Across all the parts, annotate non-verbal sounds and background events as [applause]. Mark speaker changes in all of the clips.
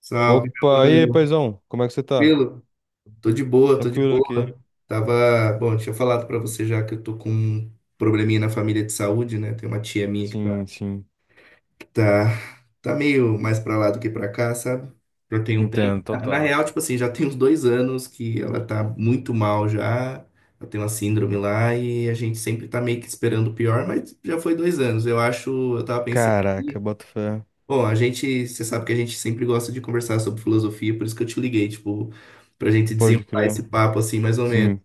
Speaker 1: Salve, meu
Speaker 2: Opa, e aí,
Speaker 1: mano.
Speaker 2: paizão, como é que você tá?
Speaker 1: Tranquilo? Tô de boa, tô de
Speaker 2: Tranquilo
Speaker 1: boa.
Speaker 2: aqui?
Speaker 1: Tava, bom, tinha falado pra você já que eu tô com um probleminha na família de saúde, né? Tem uma tia minha
Speaker 2: Sim, sim.
Speaker 1: que tá, tá meio mais pra lá do que pra cá, sabe? Já tem um tempo.
Speaker 2: Entendo,
Speaker 1: Na
Speaker 2: total.
Speaker 1: real, tipo assim, já tem uns 2 anos que ela tá muito mal já. Ela tem uma síndrome lá e a gente sempre tá meio que esperando o pior, mas já foi 2 anos. Eu acho, eu tava pensando.
Speaker 2: Caraca, boto fé.
Speaker 1: Bom, a gente, você sabe que a gente sempre gosta de conversar sobre filosofia, por isso que eu te liguei, tipo, pra gente
Speaker 2: Pode
Speaker 1: desenrolar esse
Speaker 2: crer.
Speaker 1: papo, assim, mais ou menos.
Speaker 2: Sim,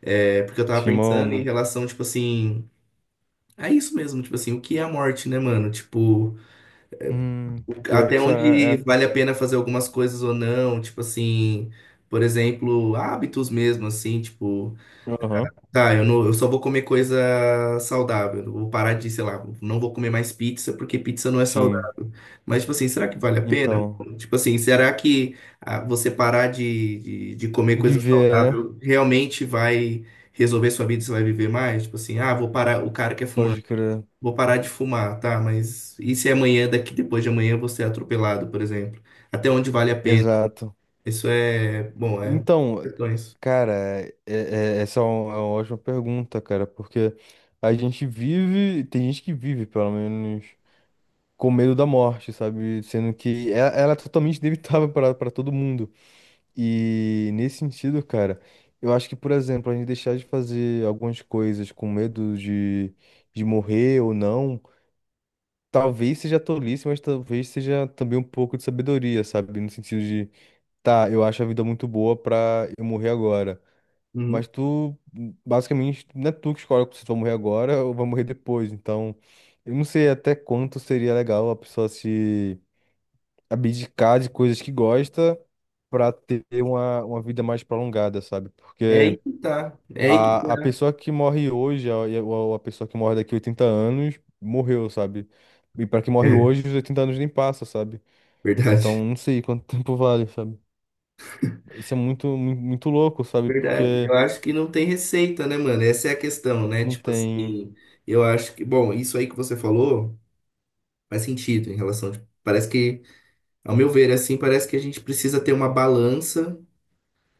Speaker 1: É, porque eu tava
Speaker 2: tinha uma
Speaker 1: pensando em
Speaker 2: onda.
Speaker 1: relação, tipo assim, é isso mesmo, tipo assim, o que é a morte, né, mano? Tipo,
Speaker 2: Hum, pior
Speaker 1: até
Speaker 2: que isso é.
Speaker 1: onde
Speaker 2: é-
Speaker 1: vale a pena fazer algumas coisas ou não, tipo assim, por exemplo, hábitos mesmo, assim, tipo.
Speaker 2: Aham,
Speaker 1: Tá, eu, não, eu só vou comer coisa saudável. Eu vou parar de, sei lá, não vou comer mais pizza, porque pizza não é
Speaker 2: sim.
Speaker 1: saudável. Mas, tipo assim, será que vale a pena?
Speaker 2: Então,
Speaker 1: Tipo assim, será que ah, você parar de, de comer coisa
Speaker 2: viver, né?
Speaker 1: saudável realmente vai resolver sua vida? Você vai viver mais? Tipo assim, ah, vou parar, o cara que é fumante,
Speaker 2: Pode crer.
Speaker 1: vou parar de fumar, tá? Mas e se amanhã, daqui depois de amanhã, você é atropelado, por exemplo? Até onde vale a pena?
Speaker 2: Exato.
Speaker 1: Isso é, bom, é
Speaker 2: Então,
Speaker 1: questões.
Speaker 2: cara, essa é uma ótima pergunta, cara, porque a gente vive, tem gente que vive, pelo menos, com medo da morte, sabe? Sendo que ela é totalmente [laughs] inevitável para todo mundo. E nesse sentido, cara, eu acho que, por exemplo, a gente deixar de fazer algumas coisas com medo de morrer ou não, talvez seja tolice, mas talvez seja também um pouco de sabedoria, sabe? No sentido de, tá, eu acho a vida muito boa pra eu morrer agora.
Speaker 1: Uhum.
Speaker 2: Mas tu, basicamente, não é tu que escolhe se tu vai morrer agora ou vai morrer depois. Então, eu não sei até quanto seria legal a pessoa se abdicar de coisas que gosta para ter uma vida mais prolongada, sabe?
Speaker 1: É aí
Speaker 2: Porque
Speaker 1: que tá. É aí que
Speaker 2: a
Speaker 1: tá.
Speaker 2: pessoa que morre hoje, ou a pessoa que morre daqui a 80 anos, morreu, sabe? E para quem morre hoje, os 80 anos nem passa, sabe? Então
Speaker 1: Verdade,
Speaker 2: não sei quanto [laughs] tempo vale, sabe? Isso é muito louco, sabe?
Speaker 1: verdade.
Speaker 2: Porque
Speaker 1: Eu acho que não tem receita, né, mano? Essa é a questão, né?
Speaker 2: não
Speaker 1: Tipo
Speaker 2: tem.
Speaker 1: assim, eu acho que, bom, isso aí que você falou faz sentido em relação de, parece que, ao meu ver, assim, parece que a gente precisa ter uma balança,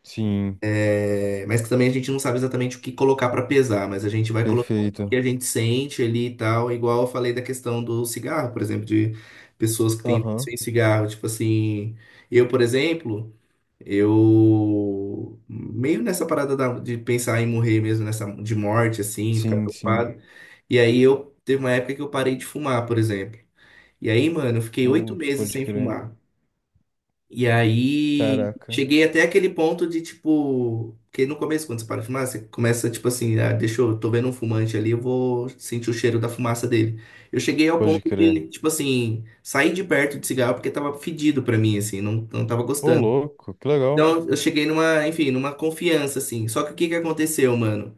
Speaker 2: Sim,
Speaker 1: é, mas que também a gente não sabe exatamente o que colocar pra pesar, mas a gente vai colocando o que
Speaker 2: perfeito.
Speaker 1: a gente sente ali e tal, igual eu falei da questão do cigarro, por exemplo, de pessoas que têm vício
Speaker 2: Aham.
Speaker 1: em cigarro, tipo assim, eu, por exemplo, eu meio nessa parada de pensar em morrer mesmo, nessa de morte, assim, ficar
Speaker 2: Sim, sim.
Speaker 1: preocupado. E aí eu teve uma época que eu parei de fumar, por exemplo. E aí, mano, eu fiquei oito
Speaker 2: Putz,
Speaker 1: meses
Speaker 2: pode
Speaker 1: sem
Speaker 2: crer.
Speaker 1: fumar. E aí
Speaker 2: Caraca.
Speaker 1: cheguei até aquele ponto de tipo, que no começo, quando você para de fumar, você começa, tipo assim, ah, deixa eu, tô vendo um fumante ali, eu vou sentir o cheiro da fumaça dele. Eu cheguei ao
Speaker 2: Pode
Speaker 1: ponto
Speaker 2: crer.
Speaker 1: de, tipo assim, sair de perto de cigarro porque tava fedido pra mim, assim, não, não tava
Speaker 2: Ô,
Speaker 1: gostando.
Speaker 2: louco, que legal.
Speaker 1: Então eu cheguei numa, enfim, numa confiança, assim. Só que o que que aconteceu, mano?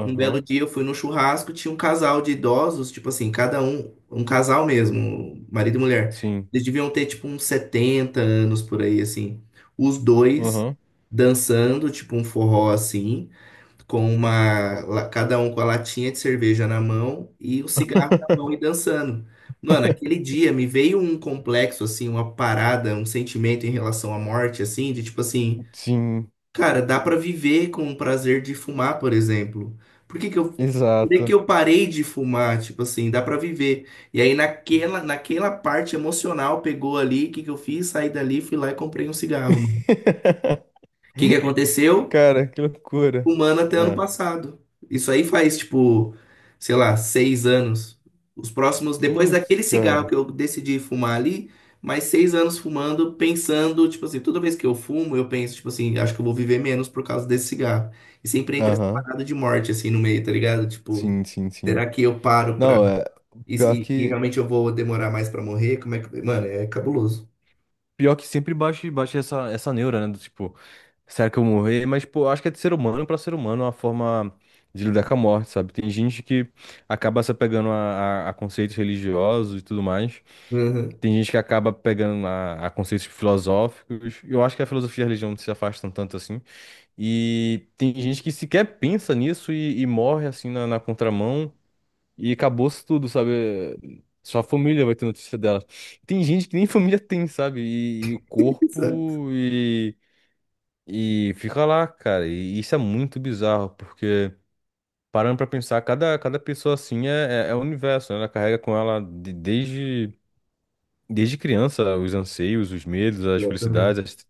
Speaker 1: Um belo dia eu fui num churrasco, tinha um casal de idosos, tipo assim, cada um, um casal mesmo, marido e mulher.
Speaker 2: Sim.
Speaker 1: Eles deviam ter, tipo, uns 70 anos por aí, assim. Os dois
Speaker 2: Aham.
Speaker 1: dançando, tipo, um forró assim, com uma, cada um com a latinha de cerveja na mão e o cigarro na mão e
Speaker 2: [laughs]
Speaker 1: dançando. Mano, aquele dia me veio um complexo, assim, uma parada, um sentimento em relação à morte, assim, de tipo assim.
Speaker 2: Sim,
Speaker 1: Cara, dá pra viver com o prazer de fumar, por exemplo. Por que que eu, por que que
Speaker 2: exato.
Speaker 1: eu parei de fumar? Tipo assim, dá pra viver. E aí naquela, naquela parte emocional pegou ali, o que que eu fiz? Saí dali, fui lá e comprei um cigarro, mano.
Speaker 2: [laughs]
Speaker 1: O que que aconteceu?
Speaker 2: Cara, que loucura.
Speaker 1: Humana até ano
Speaker 2: Ah,
Speaker 1: passado. Isso aí faz, tipo, sei lá, 6 anos. Os próximos, depois
Speaker 2: putz,
Speaker 1: daquele cigarro
Speaker 2: cara.
Speaker 1: que eu decidi fumar ali, mais 6 anos fumando, pensando, tipo assim, toda vez que eu fumo, eu penso, tipo assim, acho que eu vou viver menos por causa desse cigarro. E sempre entra essa
Speaker 2: Aham.
Speaker 1: parada de morte, assim, no meio, tá ligado? Tipo,
Speaker 2: Sim, sim, sim.
Speaker 1: será que eu paro pra.
Speaker 2: Não, é
Speaker 1: E,
Speaker 2: pior
Speaker 1: e- e
Speaker 2: que
Speaker 1: realmente eu vou demorar mais pra morrer? Como é que. Mano, é cabuloso.
Speaker 2: pior que sempre bate essa neura, né? Do tipo, será que eu vou morrer? Mas, pô, eu acho que é de ser humano pra ser humano, é uma forma de lidar com a morte, sabe? Tem gente que acaba se apegando a a conceitos religiosos e tudo mais.
Speaker 1: Uhum.
Speaker 2: Tem gente que acaba pegando a conceitos filosóficos. Eu acho que a filosofia e a religião não se afastam tanto assim. E tem gente que sequer pensa nisso e morre assim na contramão. E acabou-se tudo, sabe? Só a família vai ter notícia dela. Tem gente que nem família tem, sabe? E o
Speaker 1: [laughs] Exato.
Speaker 2: corpo e fica lá, cara. E isso é muito bizarro, porque parando pra pensar, cada pessoa assim é um universo, né? Ela carrega com ela desde criança os anseios, os medos, as
Speaker 1: Exatamente.
Speaker 2: felicidades, as,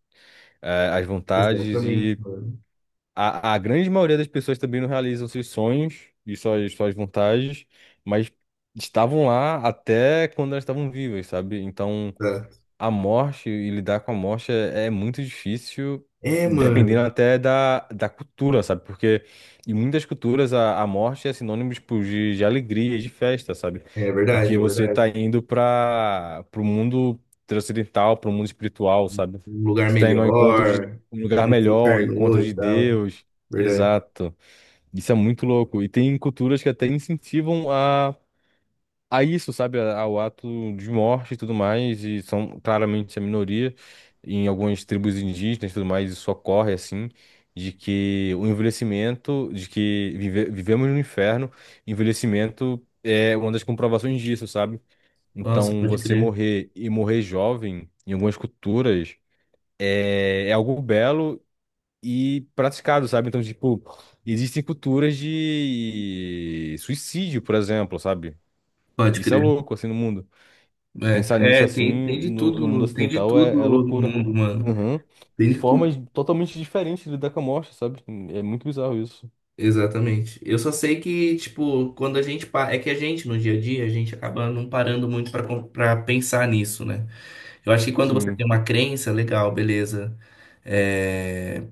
Speaker 2: eh, as vontades.
Speaker 1: Exatamente,
Speaker 2: E
Speaker 1: mano.
Speaker 2: a grande maioria das pessoas também não realizam seus sonhos e suas vontades, mas estavam lá até quando elas estavam vivas, sabe? Então
Speaker 1: Exato.
Speaker 2: a morte e lidar com a morte é muito difícil,
Speaker 1: É,
Speaker 2: dependendo
Speaker 1: mano.
Speaker 2: até da cultura, sabe? Porque em muitas culturas a morte é sinônimo tipo, de alegria, de festa, sabe?
Speaker 1: É verdade,
Speaker 2: Porque
Speaker 1: é
Speaker 2: você
Speaker 1: verdade.
Speaker 2: tá indo para o mundo transcendental, para o mundo espiritual, sabe?
Speaker 1: Um lugar
Speaker 2: Você tá indo ao encontro de
Speaker 1: melhor,
Speaker 2: um lugar
Speaker 1: aí se
Speaker 2: melhor, ao
Speaker 1: encarnou
Speaker 2: encontro
Speaker 1: e
Speaker 2: de
Speaker 1: tal.
Speaker 2: Deus.
Speaker 1: Verdade.
Speaker 2: Exato. Isso é muito louco. E tem culturas que até incentivam a isso, sabe, a- ao ato de morte e tudo mais, e são claramente a minoria em algumas tribos indígenas e tudo mais, isso ocorre assim, de que o envelhecimento, de que vivemos no inferno, envelhecimento é uma das comprovações disso, sabe?
Speaker 1: Nossa,
Speaker 2: Então,
Speaker 1: pode
Speaker 2: você
Speaker 1: crer.
Speaker 2: morrer e morrer jovem, em algumas culturas, é algo belo e praticado, sabe? Então, tipo, existem culturas de suicídio, por exemplo, sabe?
Speaker 1: Pode
Speaker 2: Isso é
Speaker 1: crer.
Speaker 2: louco, assim, no mundo. Pensar
Speaker 1: É,
Speaker 2: nisso
Speaker 1: é,
Speaker 2: assim
Speaker 1: tem, tem de
Speaker 2: no,
Speaker 1: tudo,
Speaker 2: no mundo
Speaker 1: tem de
Speaker 2: ocidental
Speaker 1: tudo
Speaker 2: é
Speaker 1: no
Speaker 2: loucura.
Speaker 1: mundo, mano.
Speaker 2: Uhum.
Speaker 1: Tem
Speaker 2: E
Speaker 1: de
Speaker 2: formas
Speaker 1: tudo.
Speaker 2: totalmente diferentes de lidar com a morte, sabe? É muito bizarro isso.
Speaker 1: Exatamente. Eu só sei que, tipo, quando a gente. É que a gente, no dia a dia, a gente acaba não parando muito pra pra pensar nisso, né? Eu acho que quando você tem
Speaker 2: Sim.
Speaker 1: uma crença, legal, beleza. É,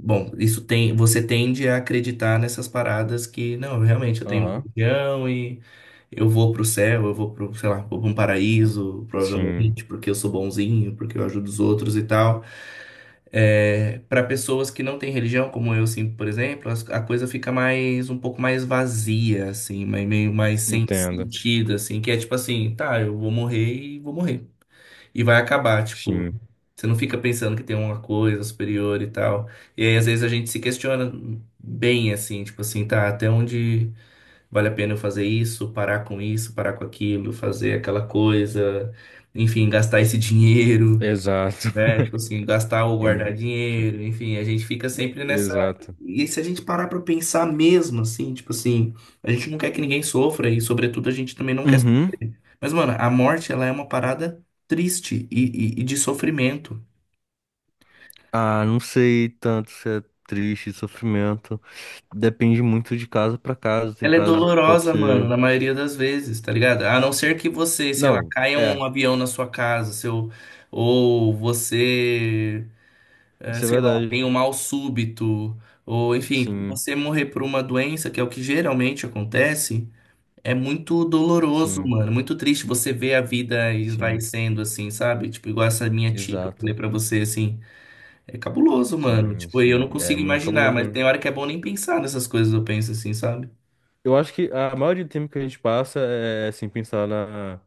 Speaker 1: bom, isso tem, você tende a acreditar nessas paradas que, não, realmente eu tenho um
Speaker 2: Aham.
Speaker 1: religião e eu vou pro céu, eu vou pro, sei lá, vou pra um paraíso,
Speaker 2: Sim.
Speaker 1: provavelmente, porque eu sou bonzinho, porque eu ajudo os outros e tal. É, para pessoas que não têm religião, como eu, assim, por exemplo, a coisa fica mais, um pouco mais vazia, assim, mas meio mais sem
Speaker 2: Entendo.
Speaker 1: sentido, assim, que é tipo assim, tá, eu vou morrer. E vai acabar, tipo.
Speaker 2: Sim.
Speaker 1: Você não fica pensando que tem uma coisa superior e tal. E aí, às vezes, a gente se questiona bem, assim, tipo assim, tá, até onde vale a pena eu fazer isso, parar com aquilo, fazer aquela coisa, enfim, gastar esse dinheiro,
Speaker 2: Exato.
Speaker 1: né? Tipo assim, gastar ou guardar
Speaker 2: [laughs]
Speaker 1: dinheiro, enfim, a gente fica sempre nessa.
Speaker 2: Exato.
Speaker 1: E se a gente parar pra pensar mesmo, assim, tipo assim, a gente não quer que ninguém sofra e, sobretudo, a gente também não quer.
Speaker 2: Uhum.
Speaker 1: Mas, mano, a morte, ela é uma parada triste e de sofrimento.
Speaker 2: Ah, não sei tanto se é triste, sofrimento. Depende muito de caso pra caso. Tem
Speaker 1: Ela é
Speaker 2: casos que pode
Speaker 1: dolorosa, mano,
Speaker 2: ser.
Speaker 1: na maioria das vezes, tá ligado? A não ser que você, sei lá,
Speaker 2: Não,
Speaker 1: caia um
Speaker 2: é.
Speaker 1: avião na sua casa, seu, ou você,
Speaker 2: Isso é
Speaker 1: sei lá, tem
Speaker 2: verdade.
Speaker 1: um mal súbito, ou enfim,
Speaker 2: Sim,
Speaker 1: você morrer por uma doença, que é o que geralmente acontece, é muito doloroso,
Speaker 2: sim,
Speaker 1: mano, muito triste você ver a vida e vai
Speaker 2: sim.
Speaker 1: sendo assim, sabe? Tipo, igual essa minha tia que eu falei
Speaker 2: Exato.
Speaker 1: pra você, assim, é cabuloso, mano.
Speaker 2: Sim,
Speaker 1: Tipo, eu
Speaker 2: sim.
Speaker 1: não
Speaker 2: É
Speaker 1: consigo
Speaker 2: muito
Speaker 1: imaginar,
Speaker 2: cabuloso
Speaker 1: mas
Speaker 2: mesmo.
Speaker 1: tem hora que é bom nem pensar nessas coisas, eu penso assim, sabe?
Speaker 2: Eu acho que a maioria do tempo que a gente passa é assim pensar na,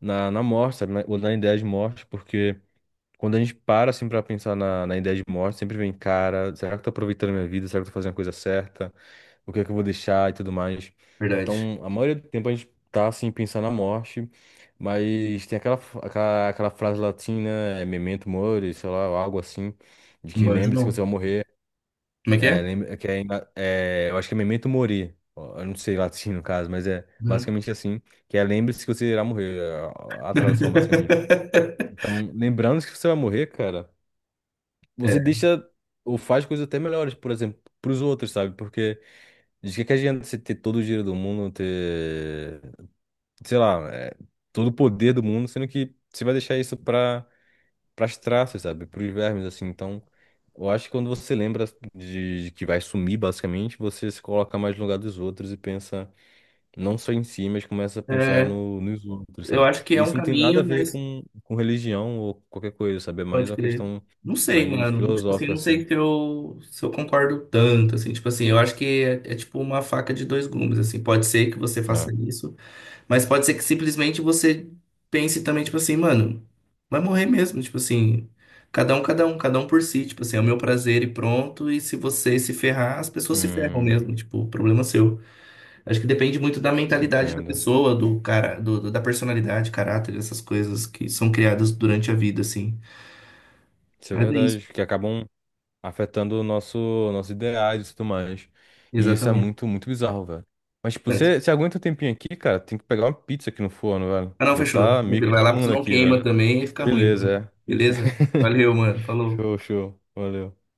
Speaker 2: na, na morte, sabe? Na, ou na ideia de morte, porque quando a gente para assim pra pensar na, na ideia de morte, sempre vem, cara, será que eu tô aproveitando a minha vida? Será que eu tô fazendo a coisa certa? O que é que eu vou deixar e tudo mais?
Speaker 1: Verdade.
Speaker 2: Então, a maioria do tempo a gente tá assim pensando na morte, mas tem aquela frase latina, é, memento mori, sei lá, ou algo assim, de que
Speaker 1: Humanos
Speaker 2: lembre-se que você
Speaker 1: não.
Speaker 2: vai morrer.
Speaker 1: Como é que
Speaker 2: É,
Speaker 1: é?
Speaker 2: lembra, que é, é, eu acho que é memento mori. Ó, eu não sei latim no caso, mas é
Speaker 1: Hum.
Speaker 2: basicamente assim, que é lembre-se que você irá morrer, é a tradução basicamente.
Speaker 1: [laughs]
Speaker 2: Então, lembrando que você vai morrer, cara, você
Speaker 1: É.
Speaker 2: deixa ou faz coisas até melhores, por exemplo, pros outros, sabe? Porque de que adianta você ter todo o dinheiro do mundo, ter, sei lá, é, todo o poder do mundo, sendo que você vai deixar isso pra para as traças, sabe? Para os vermes, assim. Então, eu acho que quando você lembra de que vai sumir, basicamente, você se coloca mais no lugar dos outros e pensa não só em si, mas começa a pensar
Speaker 1: É,
Speaker 2: no, nos outros,
Speaker 1: eu
Speaker 2: sabe?
Speaker 1: acho que
Speaker 2: E
Speaker 1: é um
Speaker 2: isso não tem nada a
Speaker 1: caminho,
Speaker 2: ver
Speaker 1: mas
Speaker 2: com religião ou qualquer coisa, sabe? É mais
Speaker 1: pode
Speaker 2: uma
Speaker 1: crer.
Speaker 2: questão
Speaker 1: Não sei,
Speaker 2: mais
Speaker 1: mano. Tipo assim,
Speaker 2: filosófica,
Speaker 1: não sei
Speaker 2: assim.
Speaker 1: que eu, se eu concordo tanto, assim. Tipo assim, eu acho que é, é tipo uma faca de dois gumes, assim. Pode ser que você
Speaker 2: Ah,
Speaker 1: faça isso, mas pode ser que simplesmente você pense também, tipo assim, mano, vai morrer mesmo. Tipo assim, cada um, cada um, cada um por si. Tipo assim, é o meu prazer e pronto. E se você se ferrar, as pessoas se ferram
Speaker 2: hum,
Speaker 1: mesmo. Tipo, problema é seu. Acho que depende muito da mentalidade da
Speaker 2: entendo.
Speaker 1: pessoa, do cara, do da personalidade, caráter, essas coisas que são criadas durante a vida, assim.
Speaker 2: Isso é
Speaker 1: Mas é isso,
Speaker 2: verdade, que acabam afetando o nosso, nossos ideais e tudo mais. E isso é
Speaker 1: exatamente.
Speaker 2: muito, muito bizarro, velho. Mas, tipo,
Speaker 1: Certo.
Speaker 2: você aguenta um tempinho aqui, cara, tem que pegar uma pizza aqui no forno, velho.
Speaker 1: Ah, não,
Speaker 2: Já
Speaker 1: fechou.
Speaker 2: tá meio
Speaker 1: Tranquilo, vai lá, porque
Speaker 2: queimando
Speaker 1: senão
Speaker 2: aqui,
Speaker 1: queima
Speaker 2: velho.
Speaker 1: também e fica ruim.
Speaker 2: Beleza, é.
Speaker 1: Beleza?
Speaker 2: [laughs]
Speaker 1: Valeu, mano. Falou.
Speaker 2: Show, show. Valeu.